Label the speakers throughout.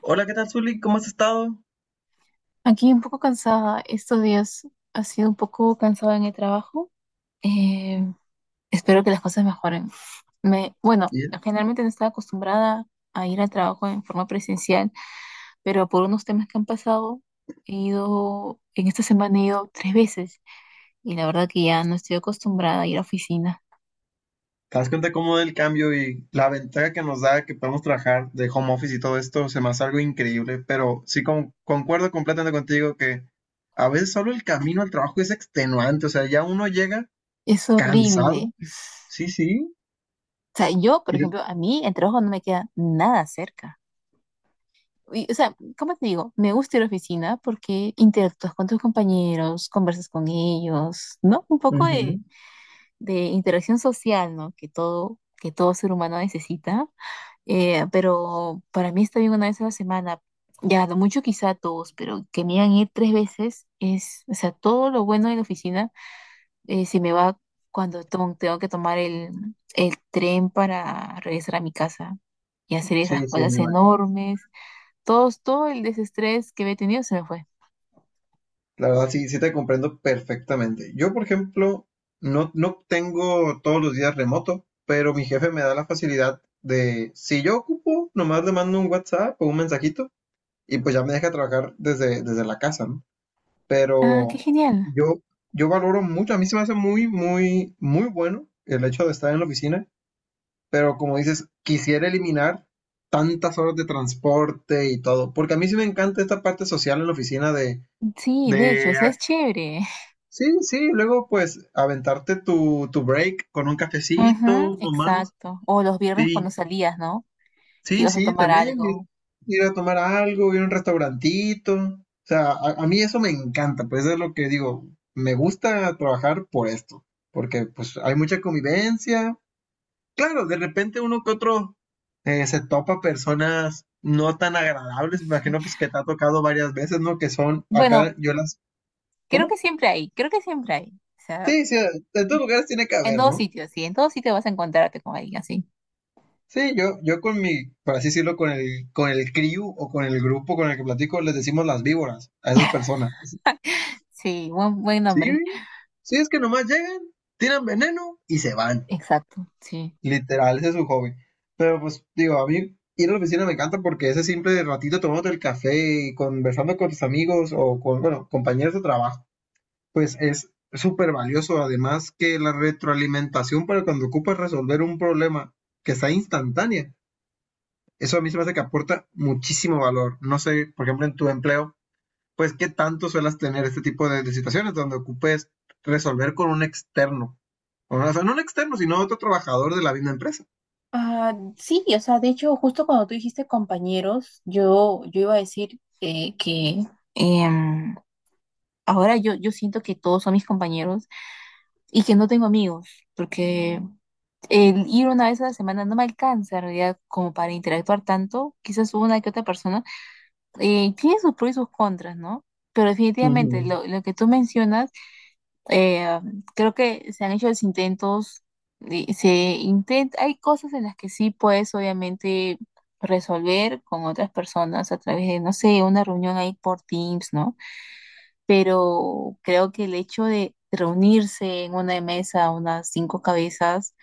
Speaker 1: Hola, ¿qué tal, Zuli? ¿Cómo has estado?
Speaker 2: Aquí un poco cansada, estos días ha sido un poco cansada en el trabajo. Eh, Espero que las cosas mejoren. Bueno,
Speaker 1: Bien.
Speaker 2: generalmente no estaba acostumbrada a ir al trabajo en forma presencial, pero por unos temas que han pasado, en esta semana he ido tres veces y la verdad que ya no estoy acostumbrada a ir a oficina.
Speaker 1: ¿Te das cuenta cómo el cambio y la ventaja que nos da que podemos trabajar de home office y todo esto se me hace algo increíble? Pero sí concuerdo completamente contigo que a veces solo el camino al trabajo es extenuante, o sea, ya uno llega
Speaker 2: Es
Speaker 1: cansado.
Speaker 2: horrible.
Speaker 1: Sí, sí.
Speaker 2: O sea, yo, por ejemplo,
Speaker 1: y-
Speaker 2: a mí el trabajo no me queda nada cerca. Y, o sea, ¿cómo te digo? Me gusta ir a la oficina porque interactúas con tus compañeros, conversas con ellos, ¿no? Un poco de,
Speaker 1: Ujú.
Speaker 2: de interacción social, ¿no? Que todo ser humano necesita. Pero para mí está bien una vez a la semana. Ya, lo mucho quizá dos, pero que me hagan ir tres veces es, o sea, todo lo bueno de la oficina se me va cuando tengo que tomar el tren para regresar a mi casa y hacer esas
Speaker 1: Sí, sí, me
Speaker 2: cosas
Speaker 1: imagino.
Speaker 2: enormes todo el desestrés que había tenido se me fue.
Speaker 1: La verdad, sí, sí te comprendo perfectamente. Yo, por ejemplo, no, no tengo todos los días remoto, pero mi jefe me da la facilidad de, si yo ocupo, nomás le mando un WhatsApp o un mensajito y pues ya me deja trabajar desde la casa, ¿no?
Speaker 2: Ah, qué
Speaker 1: Pero
Speaker 2: genial.
Speaker 1: yo, yo valoro mucho, a mí se me hace muy, muy, muy bueno el hecho de estar en la oficina, pero como dices, quisiera eliminar tantas horas de transporte y todo, porque a mí sí me encanta esta parte social en la oficina de
Speaker 2: Sí, de hecho,
Speaker 1: de
Speaker 2: eso es chévere.
Speaker 1: Sí, sí, luego pues aventarte tu break con un
Speaker 2: Ujú,
Speaker 1: cafecito nomás.
Speaker 2: exacto. O los viernes
Speaker 1: Y
Speaker 2: cuando salías, ¿no? Te
Speaker 1: sí,
Speaker 2: ibas a
Speaker 1: sí,
Speaker 2: tomar
Speaker 1: también
Speaker 2: algo.
Speaker 1: ir a tomar algo, ir a un restaurantito. O sea, a mí eso me encanta, pues es lo que digo, me gusta trabajar por esto, porque pues hay mucha convivencia. Claro, de repente uno que otro se topa personas no tan agradables, me imagino pues que te ha tocado varias veces, ¿no? Que son
Speaker 2: Bueno,
Speaker 1: acá, yo las. ¿Cómo?
Speaker 2: creo que siempre hay. O sea,
Speaker 1: Sí, sí, en todos lugares tiene que
Speaker 2: en
Speaker 1: haber,
Speaker 2: todos
Speaker 1: ¿no?
Speaker 2: sitios, sí, en todos sitios vas a encontrarte con alguien así.
Speaker 1: Sí, yo con mi, por así decirlo, con el crew o con el grupo con el que platico, les decimos las víboras a esas personas.
Speaker 2: Sí, buen
Speaker 1: Sí,
Speaker 2: nombre.
Speaker 1: güey. Sí, es que nomás llegan, tiran veneno y se van.
Speaker 2: Exacto, sí.
Speaker 1: Literal, ese es su hobby. Pero pues, digo, a mí ir a la oficina me encanta porque ese simple ratito tomándote el café y conversando con tus amigos o con, bueno, compañeros de trabajo, pues es súper valioso. Además que la retroalimentación para cuando ocupas resolver un problema que está instantánea eso a mí se me hace que aporta muchísimo valor. No sé, por ejemplo, en tu empleo, pues qué tanto suelas tener este tipo de situaciones donde ocupes resolver con un externo. O sea, no un externo, sino otro trabajador de la misma empresa.
Speaker 2: Ah, sí, o sea, de hecho, justo cuando tú dijiste compañeros, yo iba a decir Em, ahora yo siento que todos son mis compañeros y que no tengo amigos, porque el ir una vez a la semana no me alcanza en realidad como para interactuar tanto, quizás una que otra persona, tiene sus pros y sus contras, ¿no? Pero definitivamente
Speaker 1: Ujú.
Speaker 2: lo que tú mencionas, eh, creo que se han hecho los intentos, y se intenta, hay cosas en las que sí puedes obviamente resolver con otras personas a través de, no sé, una reunión ahí por Teams, ¿no? Pero creo que el hecho de reunirse en una mesa, unas cinco cabezas,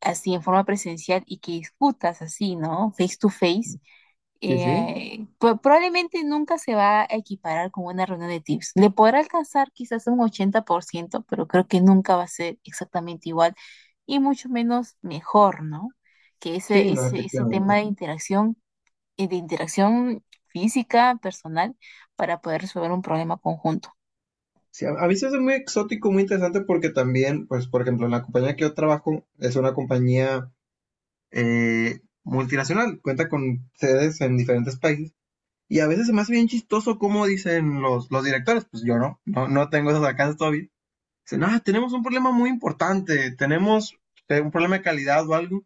Speaker 2: así en forma presencial y que discutas así, ¿no? Face to face,
Speaker 1: Sí, sí.
Speaker 2: probablemente nunca se va a equiparar con una reunión de tips. Le podrá alcanzar quizás un 80%, pero creo que nunca va a ser exactamente igual y mucho menos mejor, ¿no? Que
Speaker 1: Sí,
Speaker 2: ese,
Speaker 1: no,
Speaker 2: ese, ese tema
Speaker 1: efectivamente.
Speaker 2: de interacción física, personal, para poder resolver un problema conjunto.
Speaker 1: Sí, a mí se me hace muy exótico, muy interesante porque también, pues, por ejemplo, la compañía que yo trabajo es una compañía multinacional, cuenta con sedes en diferentes países. Y a veces se me hace bien chistoso cómo dicen los directores, pues yo no, no, no tengo esas alcances todavía. Dicen, ah, tenemos un problema muy importante, tenemos un problema de calidad o algo,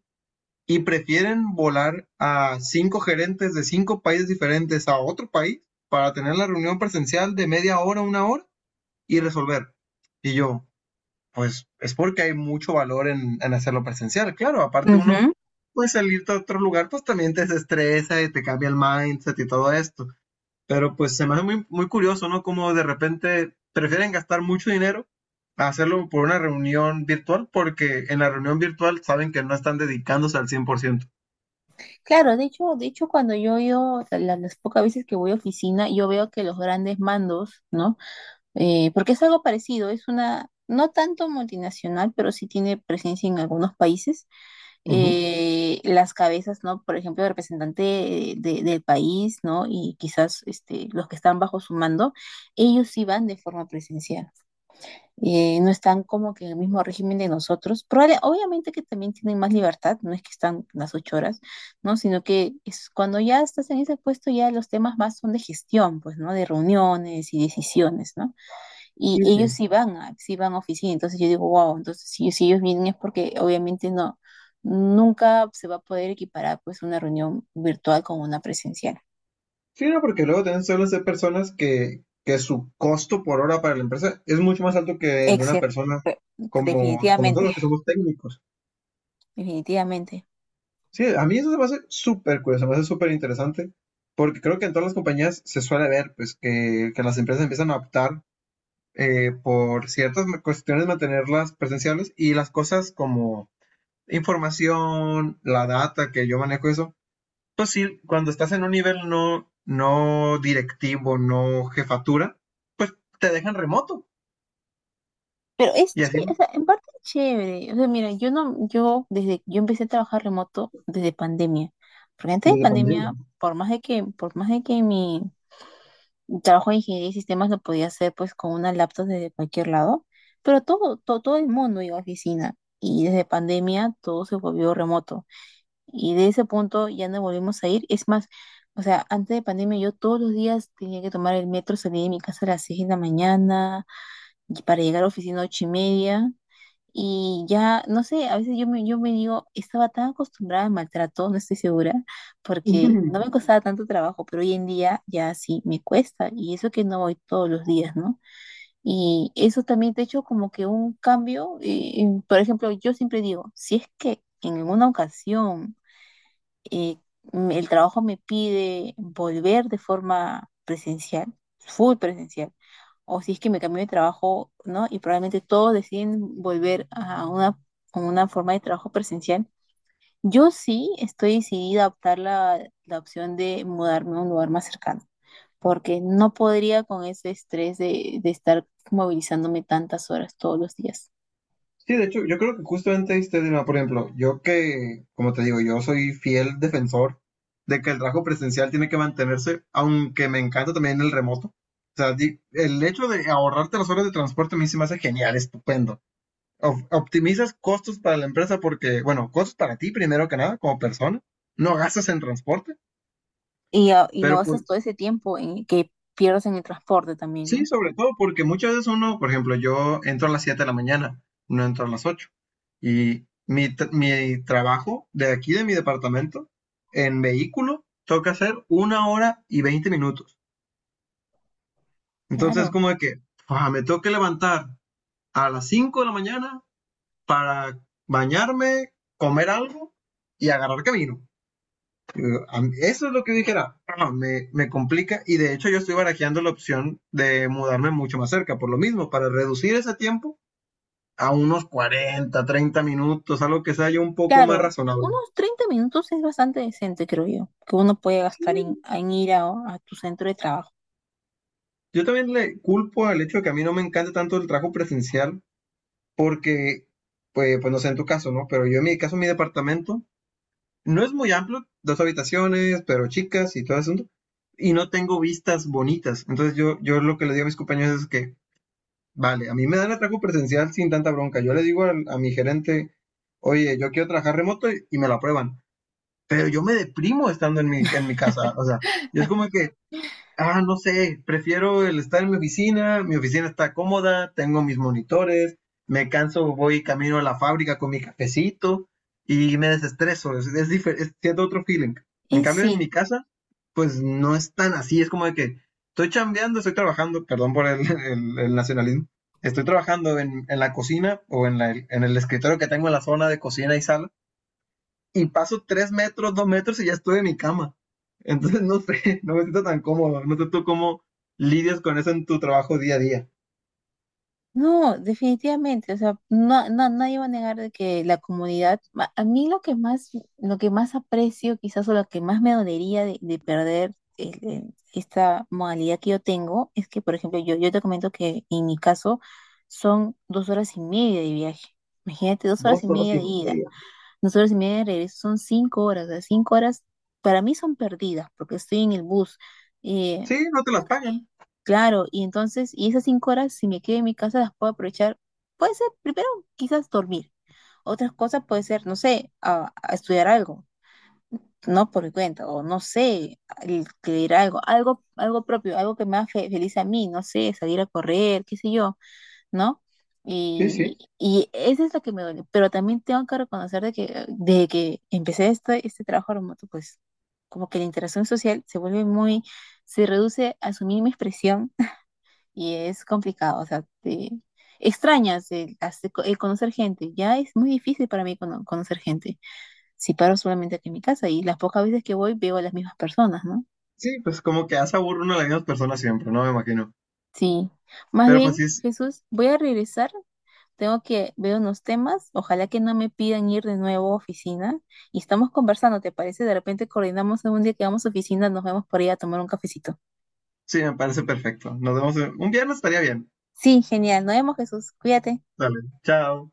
Speaker 1: y prefieren volar a cinco gerentes de cinco países diferentes a otro país para tener la reunión presencial de media hora, una hora y resolver. Y yo, pues es porque hay mucho valor en hacerlo presencial. Claro, aparte uno,
Speaker 2: Ujú.
Speaker 1: pues salirte a otro lugar, pues también te desestresa y te cambia el mindset y todo esto. Pero pues se me hace muy, muy curioso, ¿no? Como de repente prefieren gastar mucho dinero a hacerlo por una reunión virtual, porque en la reunión virtual saben que no están dedicándose al 100%.
Speaker 2: Claro, de hecho, cuando yo he o sea, las pocas veces que voy a oficina, yo veo que los grandes mandos, ¿no? Porque es algo parecido, es una, no tanto multinacional, pero sí tiene presencia en algunos países.
Speaker 1: Ujú.
Speaker 2: Las cabezas, ¿no? Por ejemplo, el representante del país, ¿no? Y quizás este, los que están bajo su mando, ellos sí van de forma presencial. No están como que en el mismo régimen de nosotros. Obviamente que también tienen más libertad, no es que están las 8 horas, ¿no? Sino que es cuando ya estás en ese puesto, ya los temas más son de gestión, pues, ¿no? De reuniones y decisiones, ¿no? Y
Speaker 1: Sí,
Speaker 2: ellos
Speaker 1: sí.
Speaker 2: sí van a oficina, entonces yo digo, wow, entonces si ellos vienen es porque obviamente no, nunca se va a poder equiparar, pues, una reunión virtual con una presencial.
Speaker 1: Sí, no, porque luego también suelen ser personas que su costo por hora para la empresa es mucho más alto que el de una
Speaker 2: Excepto,
Speaker 1: persona como
Speaker 2: definitivamente,
Speaker 1: nosotros que somos técnicos.
Speaker 2: definitivamente.
Speaker 1: Sí, a mí eso se me hace súper curioso, se me hace súper interesante, porque creo que en todas las compañías se suele ver pues que las empresas empiezan a optar por ciertas cuestiones mantenerlas presenciales y las cosas como información, la data que yo manejo eso, pues sí, cuando estás en un nivel no, no directivo, no jefatura, pues te dejan remoto
Speaker 2: Pero es
Speaker 1: y así, ¿no?
Speaker 2: chévere, o sea, en parte es chévere. O sea, mira, yo no, yo desde, yo empecé a trabajar remoto desde pandemia. Porque antes de
Speaker 1: Desde pandemia.
Speaker 2: pandemia,
Speaker 1: ¿No?
Speaker 2: por más de que mi trabajo de ingeniería y sistemas lo podía hacer pues con una laptop desde cualquier lado, pero todo el mundo iba a oficina. Y desde pandemia todo se volvió remoto. Y de ese punto ya no volvimos a ir. Es más, o sea, antes de pandemia yo todos los días tenía que tomar el metro, salir de mi casa a las 6 de la mañana y para llegar a la oficina a 8 y media. Y ya, no sé, a veces yo me digo, estaba tan acostumbrada al maltrato, no estoy segura, porque no me costaba tanto trabajo, pero hoy en día ya sí me cuesta, y eso que no voy todos los días, ¿no? Y eso también te ha hecho como que un cambio, por ejemplo, yo siempre digo, si es que en alguna ocasión eh, el trabajo me pide volver de forma presencial, full presencial, o si es que me cambio de trabajo, ¿no? Y probablemente todos deciden volver a una, forma de trabajo presencial. Yo sí estoy decidida a optar la opción de mudarme a un lugar más cercano, porque no podría con ese estrés de estar movilizándome tantas horas todos los días.
Speaker 1: Sí, de hecho, yo creo que justamente este dilema, por ejemplo, yo que, como te digo, yo soy fiel defensor de que el trabajo presencial tiene que mantenerse, aunque me encanta también el remoto. O sea, el hecho de ahorrarte las horas de transporte a mí se me hace genial, estupendo. Optimizas costos para la empresa porque, bueno, costos para ti primero que nada, como persona. No gastas en transporte,
Speaker 2: Y, ah, y no
Speaker 1: pero
Speaker 2: gastas
Speaker 1: pues
Speaker 2: todo ese tiempo en, que pierdes en el transporte también,
Speaker 1: sí,
Speaker 2: ¿no?
Speaker 1: sobre todo porque muchas veces uno, por ejemplo, yo entro a las 7 de la mañana, no entro a las 8. Y mi trabajo de aquí, de mi departamento, en vehículo, toca hacer una hora y 20 minutos.
Speaker 2: Claro,
Speaker 1: Entonces, como de que, ah, me tengo que levantar a las 5 de la mañana para bañarme, comer algo y agarrar camino. Eh, Eso es lo que dijera, ah, me complica y de hecho yo estoy barajeando la opción de mudarme mucho más cerca, por lo mismo, para reducir ese tiempo a unos 40 30 minutos, algo que sea yo un poco más
Speaker 2: claro.
Speaker 1: razonable.
Speaker 2: Unos 30 minutos es bastante decente, creo yo, que uno puede
Speaker 1: Sí,
Speaker 2: gastar en ir a tu centro de trabajo.
Speaker 1: yo también le culpo al hecho de que a mí no me encanta tanto el trabajo presencial, porque, pues, pues no sé en tu caso, ¿no? Pero yo en mi caso, mi departamento no es muy amplio, dos habitaciones, pero chicas y todo eso, y no tengo vistas bonitas. Entonces yo lo que le digo a mis compañeros es que, vale, a mí me dan el trabajo presencial sin tanta bronca. Yo le digo a mi gerente, oye, yo quiero trabajar remoto y me lo aprueban, pero yo me deprimo estando en mi casa. O sea, yo es como que ah, no sé, prefiero el estar en mi oficina está cómoda, tengo mis monitores, me canso, voy camino a la fábrica con mi cafecito y me desestreso, es siento otro feeling. En
Speaker 2: Es
Speaker 1: cambio, en mi
Speaker 2: sí.
Speaker 1: casa, pues no es tan así, es como de que estoy chambeando, estoy trabajando, perdón por el, el nacionalismo, estoy trabajando en la cocina o en el escritorio que tengo en la zona de cocina y sala y paso 3 metros, 2 metros y ya estoy en mi cama. Entonces, no sé, no me siento tan cómodo. No sé tú cómo lidias con eso en tu trabajo día a día.
Speaker 2: No, definitivamente, o sea, no, no, nadie va a negar de que a mí lo que más aprecio quizás o lo que más me dolería de perder esta modalidad que yo tengo es que, por ejemplo, yo te comento que en mi caso son 2 horas y media de viaje. Imagínate, dos horas
Speaker 1: Dos
Speaker 2: y
Speaker 1: horas
Speaker 2: media
Speaker 1: y
Speaker 2: de ida,
Speaker 1: media.
Speaker 2: 2 horas y media de regreso, son 5 horas, o sea, 5 horas para mí son perdidas porque estoy en el bus. eh,
Speaker 1: Sí, no te las pagan.
Speaker 2: Claro, y entonces, y esas 5 horas, si me quedo en mi casa, las puedo aprovechar. Puede ser, primero, quizás dormir. Otras cosas puede ser, no sé, a estudiar algo, no por mi cuenta, o no sé, leer algo, algo propio, algo que me haga feliz a mí, no sé, salir a correr, qué sé yo, ¿no?
Speaker 1: Sí, sí.
Speaker 2: Y esa es la que me duele. Pero también tengo que reconocer de que empecé este trabajo remoto, pues como que la interacción social se vuelve muy, se reduce a su mínima expresión y es complicado, o sea, te extrañas el conocer gente, ya es muy difícil para mí conocer gente, si paro solamente aquí en mi casa y las pocas veces que voy veo a las mismas personas, ¿no?
Speaker 1: Sí, pues como que hace aburre uno a las mismas personas siempre, no me imagino.
Speaker 2: Sí, más
Speaker 1: Pero pues
Speaker 2: bien,
Speaker 1: sí,
Speaker 2: Jesús, voy a regresar, tengo que ver unos temas, ojalá que no me pidan ir de nuevo a oficina y estamos conversando, ¿te parece? De repente coordinamos algún día que vamos a oficina, nos vemos por ahí a tomar un cafecito.
Speaker 1: sí, me parece perfecto. Nos vemos un viernes, estaría bien.
Speaker 2: Sí, genial, nos vemos, Jesús, cuídate.
Speaker 1: Dale, chao.